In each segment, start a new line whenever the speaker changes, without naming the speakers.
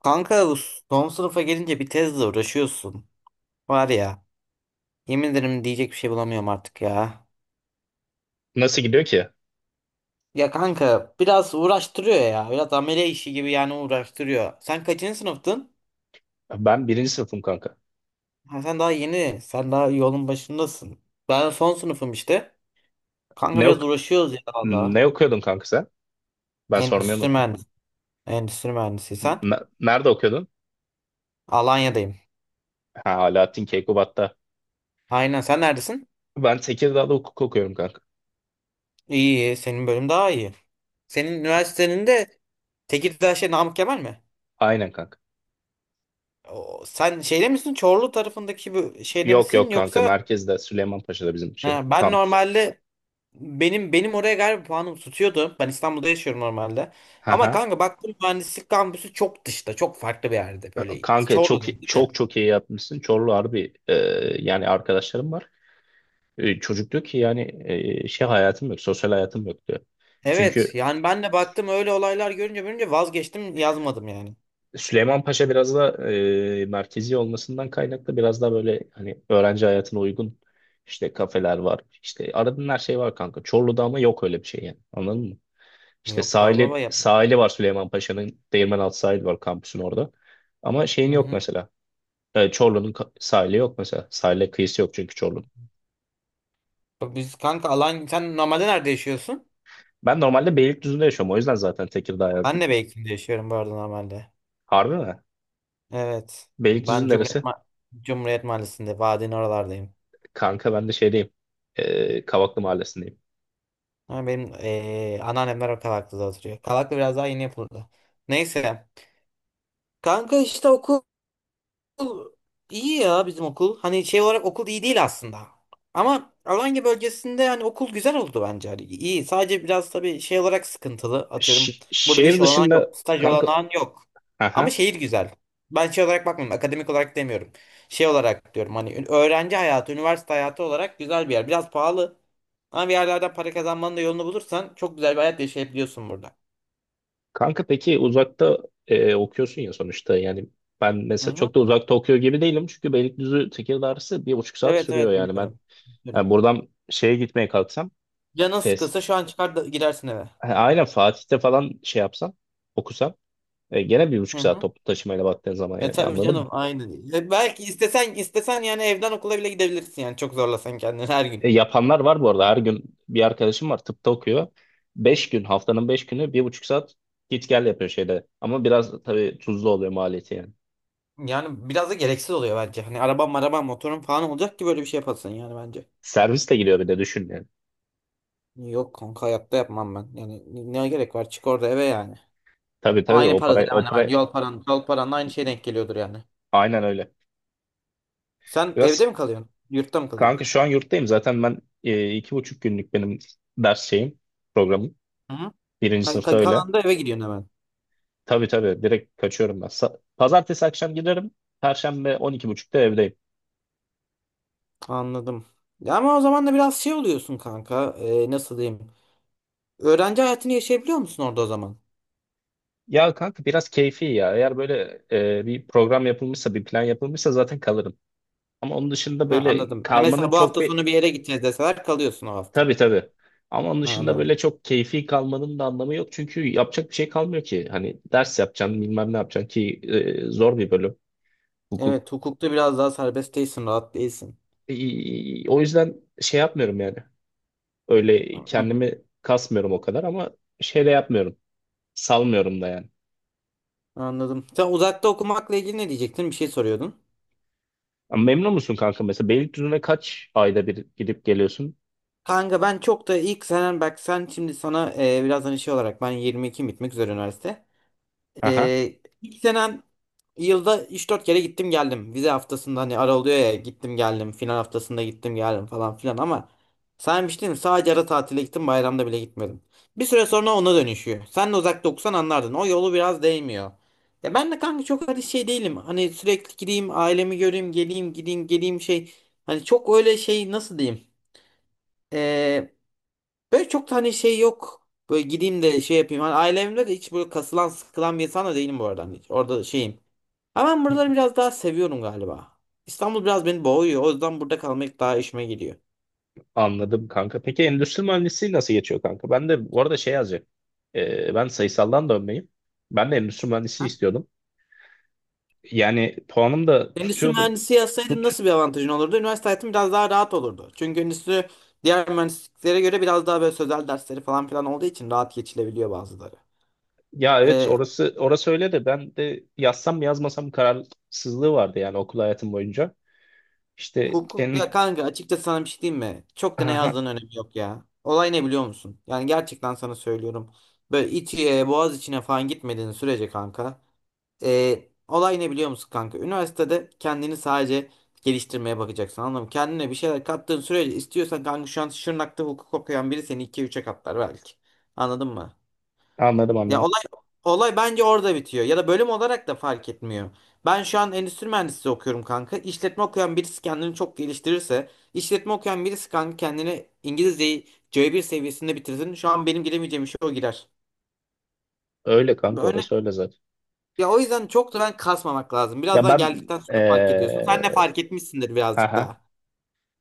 Kanka bu son sınıfa gelince bir tezle uğraşıyorsun. Var ya, yemin ederim diyecek bir şey bulamıyorum artık ya.
Nasıl gidiyor ki?
Ya kanka biraz uğraştırıyor ya. Biraz amele işi gibi yani uğraştırıyor. Sen kaçıncı sınıftın?
Ben birinci sınıfım kanka.
Ha, sen daha yeni. Sen daha yolun başındasın. Ben son sınıfım işte. Kanka
Ne,
biraz
ok
uğraşıyoruz ya valla.
ne okuyordun kanka sen? Ben sormayı
Endüstri
unuttum.
mühendisi. Endüstri mühendisi sen.
Nerede okuyordun?
Alanya'dayım.
Ha, Alaaddin Keykubat'ta.
Aynen, sen neredesin?
Ben Tekirdağ'da hukuk okuyorum kanka.
İyi iyi. Senin bölüm daha iyi. Senin üniversitenin de Tekirdağ şey, Namık Kemal mi?
Aynen kanka.
Sen şeyde misin? Çorlu tarafındaki bu şeyde
Yok,
misin?
yok kanka,
Yoksa
merkezde Süleymanpaşa'da bizim şey
ha, ben
kampüs.
normalde benim oraya galiba puanım tutuyordu. Ben İstanbul'da yaşıyorum normalde. Ama
Haha.
kanka baktım mühendislik kampüsü çok dışta. Çok farklı bir yerde. Böyle
Kanka çok
Çorlu'da değil mi?
çok çok iyi yapmışsın. Çorlu harbi, yani arkadaşlarım var. Çocuk diyor ki yani şey hayatım yok, sosyal hayatım yok diyor.
Evet.
Çünkü
Yani ben de baktım öyle olaylar görünce görünce vazgeçtim, yazmadım yani.
Süleymanpaşa biraz da merkezi olmasından kaynaklı biraz daha böyle hani öğrenci hayatına uygun, işte kafeler var. İşte aradığın her şey var kanka. Çorlu'da ama yok öyle bir şey yani. Anladın mı? İşte
Yok abi, baba
sahili,
yap.
sahili var Süleymanpaşa'nın, Paşa'nın. Değirmenaltı sahili var kampüsün orada. Ama şeyin
Hı
yok
hı.
mesela. Çorlu'nun sahili yok mesela. Sahile kıyısı yok çünkü Çorlu'nun.
Bak biz kanka alan, sen normalde nerede yaşıyorsun?
Ben normalde Beylikdüzü'nde yaşıyorum. O yüzden zaten Tekirdağ
Ben
yazdım.
de Beykin'de yaşıyorum bu arada normalde.
Harbi mi?
Evet. Ben
Beylikdüzü'nün
Cumhuriyet
neresi?
Cumhuriyet Mahallesi'nde Vadi'nin oralardayım.
Kanka ben de şeydeyim. Kavaklı Mahallesi'ndeyim.
Ha, benim anneannemler o Kavaklı'da oturuyor. Kavaklı biraz daha yeni yapıldı. Neyse. Kanka işte okul. Okul iyi ya, bizim okul. Hani şey olarak okul iyi değil aslında. Ama Alanya bölgesinde hani okul güzel oldu bence. Hani iyi. Sadece biraz tabii şey olarak sıkıntılı. Atıyorum,
Ş-
burada bir
şehir
iş olanağı
dışında
yok. Staj
kanka,
olanağın yok. Ama
aha,
şehir güzel. Ben şey olarak bakmıyorum. Akademik olarak demiyorum. Şey olarak diyorum hani öğrenci hayatı, üniversite hayatı olarak güzel bir yer. Biraz pahalı. Ama bir yerlerden para kazanmanın da yolunu bulursan çok güzel bir hayat yaşayabiliyorsun burada.
kanka peki uzakta okuyorsun ya sonuçta, yani ben
Hı
mesela
hı.
çok da uzakta okuyor gibi değilim çünkü Beylikdüzü Tekirdağ arası 1,5 saat
Evet
sürüyor,
evet,
yani ben,
biliyorum. Biliyorum.
yani buradan şeye gitmeye kalksam,
Canın
Fes
sıkılsa şu an çıkar da gidersin eve.
ha, aynen Fatih'te falan şey yapsam, okusam, gene bir buçuk
Hı
saat
hı.
toplu taşımayla baktığın zaman,
E
yani
tabii
anladın mı?
canım, aynen. E, belki istesen istesen yani evden okula bile gidebilirsin yani çok zorlasan kendini her gün.
Yapanlar var bu arada. Her gün bir arkadaşım var, tıpta okuyor. 5 gün, haftanın 5 günü 1,5 saat git gel yapıyor şeyde. Ama biraz tabii tuzlu oluyor maliyeti yani.
Yani biraz da gereksiz oluyor bence. Hani arabam arabam motorum falan olacak ki böyle bir şey yapasın yani bence.
Servis de giriyor, bir de düşün yani.
Yok kanka, hayatta yapmam ben. Yani ne gerek var, çık orada eve yani.
Tabii, tabii,
Aynı
o para,
paradır
o
hemen
para,
hemen, yol paran yol paranla aynı şey denk geliyordur yani.
aynen öyle.
Sen evde
Biraz
mi kalıyorsun? Yurtta mı kalıyorsun?
kanka şu an yurttayım zaten ben, iki buçuk günlük benim ders şeyim, programım.
Hı hı.
Birinci
Hani
sınıfta öyle.
kalan da eve gidiyorsun hemen.
Tabii, tabii, direkt kaçıyorum ben. Pazartesi akşam giderim. Perşembe 12.30'da evdeyim.
Anladım. Ya ama o zaman da biraz şey oluyorsun kanka. E, nasıl diyeyim? Öğrenci hayatını yaşayabiliyor musun orada o zaman?
Ya kanka biraz keyfi ya. Eğer böyle bir program yapılmışsa, bir plan yapılmışsa zaten kalırım. Ama onun dışında
Ha,
böyle
anladım. E
kalmanın
mesela bu
çok
hafta
bir...
sonu bir yere gideceğiz deseler kalıyorsun o hafta.
Tabii, tabii. Ama onun
Ha,
dışında
anladım.
böyle çok keyfi kalmanın da anlamı yok. Çünkü yapacak bir şey kalmıyor ki. Hani ders yapacaksın, bilmem ne yapacaksın ki. Zor bir bölüm hukuk.
Evet, hukukta biraz daha serbest değilsin, rahat değilsin.
O yüzden şey yapmıyorum yani. Öyle
Tamam.
kendimi kasmıyorum o kadar, ama şey de yapmıyorum. Salmıyorum da yani.
Anladım. Sen uzakta okumakla ilgili ne diyecektin? Bir şey soruyordun.
Ama memnun musun kanka mesela? Beylikdüzü'ne kaç ayda bir gidip geliyorsun?
Kanka ben çok da, ilk senen, bak sen şimdi sana biraz hani şey olarak, ben 22 bitmek üzere üniversite.
Aha.
İlk senen yılda üç dört kere gittim geldim. Vize haftasında hani ara oluyor ya, gittim geldim. Final haftasında gittim geldim falan filan ama saymıştım, sadece ara tatile gittim, bayramda bile gitmedim. Bir süre sonra ona dönüşüyor. Sen de uzakta okusan anlardın. O yolu biraz değmiyor. Ya ben de kanka çok öyle şey değilim. Hani sürekli gideyim ailemi göreyim, geleyim gideyim geleyim, şey. Hani çok öyle şey, nasıl diyeyim. Böyle çok da hani şey yok. Böyle gideyim de şey yapayım. Hani ailemde de hiç böyle kasılan sıkılan bir insan da değilim bu arada. Hani hiç orada şeyim. Ama ben buraları biraz daha seviyorum galiba. İstanbul biraz beni boğuyor. O yüzden burada kalmak daha işime geliyor.
Anladım kanka. Peki endüstri mühendisliği nasıl geçiyor kanka? Ben de bu arada şey yazacak. Ben sayısaldan dönmeyim. Ben de endüstri mühendisliği
Ha?
istiyordum. Yani puanım da
Endüstri
tutuyordu.
mühendisi yazsaydın
Tut.
nasıl bir avantajın olurdu? Üniversite hayatım biraz daha rahat olurdu. Çünkü endüstri diğer mühendisliklere göre biraz daha böyle sözel dersleri falan filan olduğu için rahat geçilebiliyor bazıları.
Ya evet,
Ee,
orası, orası öyle de, ben de yazsam mı yazmasam kararsızlığı vardı yani okul hayatım boyunca. İşte
Hukuk
en.
ya kanka, açıkçası sana bir şey diyeyim mi? Çok da ne
Aha,
yazdığının önemi yok ya. Olay ne biliyor musun? Yani gerçekten sana söylüyorum. Böyle İTÜ'ye, Boğaz içine falan gitmediğin sürece kanka, olay ne biliyor musun kanka? Üniversitede kendini sadece geliştirmeye bakacaksın, anladın mı? Kendine bir şeyler kattığın sürece istiyorsan kanka, şu an Şırnak'ta hukuk okuyan biri seni 2-3'e katlar belki. Anladın mı?
anladım,
Ya
anladım.
olay bence orada bitiyor. Ya da bölüm olarak da fark etmiyor. Ben şu an endüstri mühendisliği okuyorum kanka. İşletme okuyan birisi kendini çok geliştirirse, işletme okuyan birisi kanka kendini, İngilizceyi C1 seviyesinde bitirsin, şu an benim giremeyeceğim işe o girer.
Öyle kanka,
Öyle.
orası öyle zaten.
Ya o yüzden çok da ben kasmamak lazım. Biraz
Ya
daha
ben,
geldikten sonra fark ediyorsun. Sen de fark etmişsindir birazcık
aha.
daha.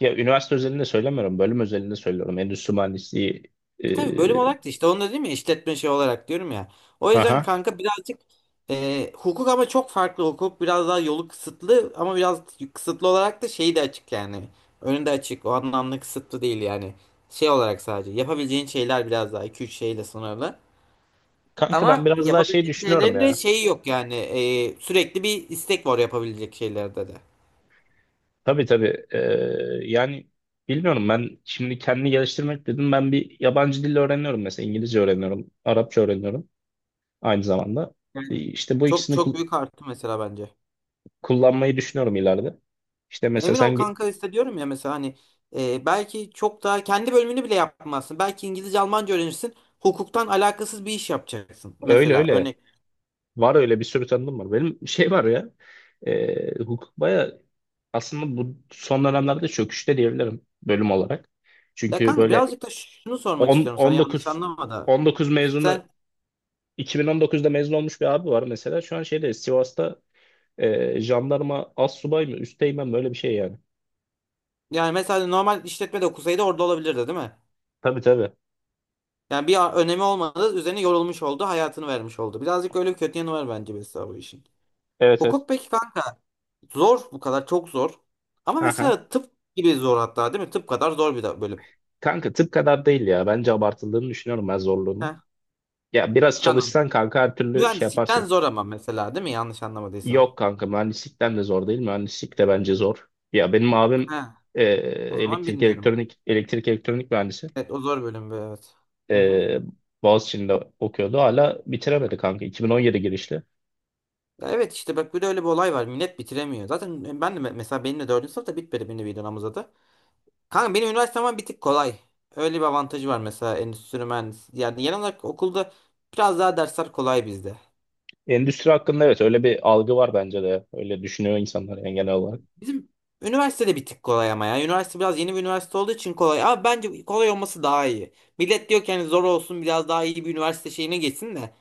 Ya üniversite özelinde söylemiyorum. Bölüm özelinde söylüyorum. Endüstri mühendisliği, ee,
Tabii bölüm olarak da işte onu da, değil mi, işletme şey olarak diyorum ya. O yüzden
aha.
kanka birazcık hukuk ama çok farklı, hukuk biraz daha yolu kısıtlı ama biraz kısıtlı olarak da şeyi de açık yani. Önünde açık, o anlamda kısıtlı değil yani. Şey olarak sadece yapabileceğin şeyler biraz daha iki üç şeyle sınırlı.
Kanka ben
Ama
biraz daha şey
yapabileceğin
düşünüyorum
şeylerin de
ya.
şeyi yok yani, sürekli bir istek var yapabilecek şeylerde de.
Tabii, tabii. Yani bilmiyorum, ben şimdi kendini geliştirmek dedim. Ben bir yabancı dil öğreniyorum mesela. İngilizce öğreniyorum. Arapça öğreniyorum aynı zamanda.
Yani
İşte bu
çok
ikisini
çok büyük arttı mesela bence.
kullanmayı düşünüyorum ileride. İşte mesela
Emin
sen
ol kanka, hissediyorum ya mesela, hani belki çok daha kendi bölümünü bile yapmazsın. Belki İngilizce, Almanca öğrenirsin. Hukuktan alakasız bir iş yapacaksın
öyle,
mesela,
öyle.
örnek.
Var öyle, bir sürü tanıdığım var. Benim şey var ya. Hukuk baya aslında bu son dönemlerde çöküşte diyebilirim bölüm olarak.
Ya
Çünkü
kanka
böyle
birazcık da şunu sormak
10,
istiyorum sana, yanlış
19,
anlama da.
19 mezunu,
Sen
2019'da mezun olmuş bir abi var mesela. Şu an şeyde Sivas'ta, jandarma az subay mı, üsteğmen, böyle bir şey yani.
yani mesela normal işletme de okusaydı orada olabilirdi, değil mi?
Tabii, tabii.
Yani bir önemi olmadı, üzerine yorulmuş oldu, hayatını vermiş oldu. Birazcık öyle bir kötü yanı var bence mesela bu işin.
Evet, evet.
Hukuk peki kanka, zor bu kadar çok zor. Ama
Aha.
mesela tıp gibi zor hatta, değil mi? Tıp kadar zor bir de bölüm.
Kanka tıp kadar değil ya. Bence abartıldığını düşünüyorum ben zorluğunu.
Heh,
Ya biraz
anladım.
çalışsan kanka her türlü şey
Mühendislikten
yaparsın.
zor ama mesela, değil mi? Yanlış anlamadıysam.
Yok kanka, mühendislikten de zor değil. Mühendislik de bence zor. Ya benim abim
Ha,
e,
o zaman
elektrik
bilmiyorum.
elektronik elektrik elektronik mühendisi.
Evet o zor bölüm bu, evet. Hı hı.
E, Boğaziçi'nde okuyordu. Hala bitiremedi kanka. 2017 girişli.
Ya evet işte, bak bir de öyle bir olay var. Millet bitiremiyor. Zaten ben de mesela, benim de dördüncü sınıfta bitmedi, benim bir dönem uzadı. Kanka benim üniversitem bir tık kolay. Öyle bir avantajı var mesela endüstri mühendisi. Yani genel olarak okulda biraz daha dersler kolay bizde.
Endüstri hakkında evet öyle bir algı var bence de. Öyle düşünüyor insanlar yani genel olarak.
Bizim üniversitede bir tık kolay ama ya. Üniversite biraz yeni bir üniversite olduğu için kolay. Ama bence kolay olması daha iyi. Millet diyor ki hani zor olsun biraz daha iyi bir üniversite şeyine geçsin de.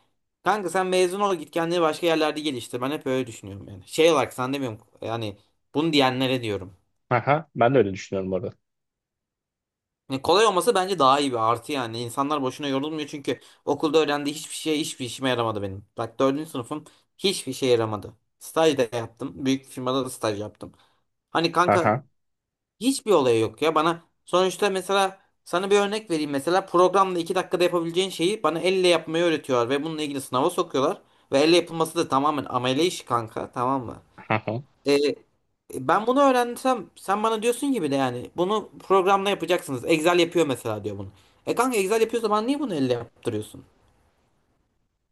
Kanka sen mezun ol git kendini başka yerlerde geliştir. Ben hep öyle düşünüyorum yani. Şey olarak sen demiyorum yani, bunu diyenlere diyorum.
Aha, ben de öyle düşünüyorum orada.
Yani kolay olması bence daha iyi bir artı yani. İnsanlar boşuna yorulmuyor çünkü okulda öğrendiği hiçbir şey, hiçbir işime yaramadı benim. Bak dördüncü sınıfım, hiçbir şey yaramadı. Staj da yaptım. Büyük firmada da staj yaptım. Hani kanka,
Aha,
hiçbir olayı yok ya bana. Sonuçta mesela sana bir örnek vereyim. Mesela programda 2 dakikada yapabileceğin şeyi bana elle yapmayı öğretiyorlar ve bununla ilgili sınava sokuyorlar. Ve elle yapılması da tamamen amele işi kanka, tamam mı?
aha.
Ee, ben bunu öğrensem, sen bana diyorsun gibi de yani, bunu programla yapacaksınız. Excel yapıyor mesela diyor bunu. E kanka Excel yapıyorsa bana niye bunu elle yaptırıyorsun?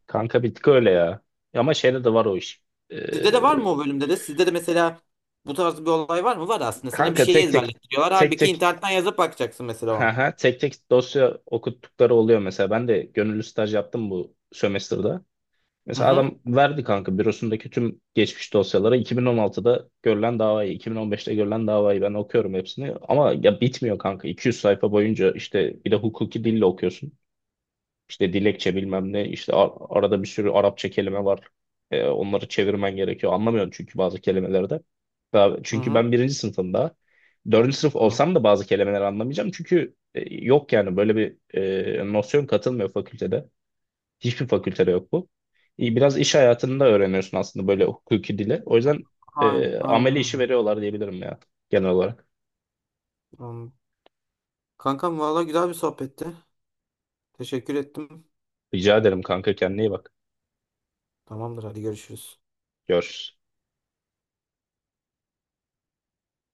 Kanka bir tık öyle ya. Ama şeyde de var o iş. Ee,
Sizde de var mı, o bölümde de? Sizde de mesela bu tarz bir olay var mı? Var aslında. Sana bir
Kanka,
şeyi
tek tek
ezberletiyorlar.
tek
Halbuki
tek
internetten yazıp bakacaksın mesela o an.
aha, tek tek dosya okuttukları oluyor mesela. Ben de gönüllü staj yaptım bu sömestrde.
Hı
Mesela
hı.
adam verdi kanka bürosundaki tüm geçmiş dosyalara, 2016'da görülen davayı, 2015'te görülen davayı ben okuyorum hepsini. Ama ya bitmiyor kanka. 200 sayfa boyunca işte bir de hukuki dille okuyorsun. İşte dilekçe bilmem ne, işte arada bir sürü Arapça kelime var. Onları çevirmen gerekiyor. Anlamıyorum çünkü bazı kelimelerde. Daha, çünkü
Hı
ben birinci sınıfım daha. Dördüncü sınıf
hı.
olsam da bazı kelimeleri anlamayacağım. Çünkü yok yani böyle bir nosyon katılmıyor fakültede. Hiçbir fakültede yok bu. İyi, biraz iş hayatında öğreniyorsun aslında böyle hukuki dili. O yüzden
Aynen, aynen,
ameli işi
abi.
veriyorlar diyebilirim ya genel olarak.
Anladım. Kankam valla güzel bir sohbetti. Teşekkür ettim.
Rica ederim kanka, kendine iyi bak.
Tamamdır, hadi görüşürüz.
Görüşürüz.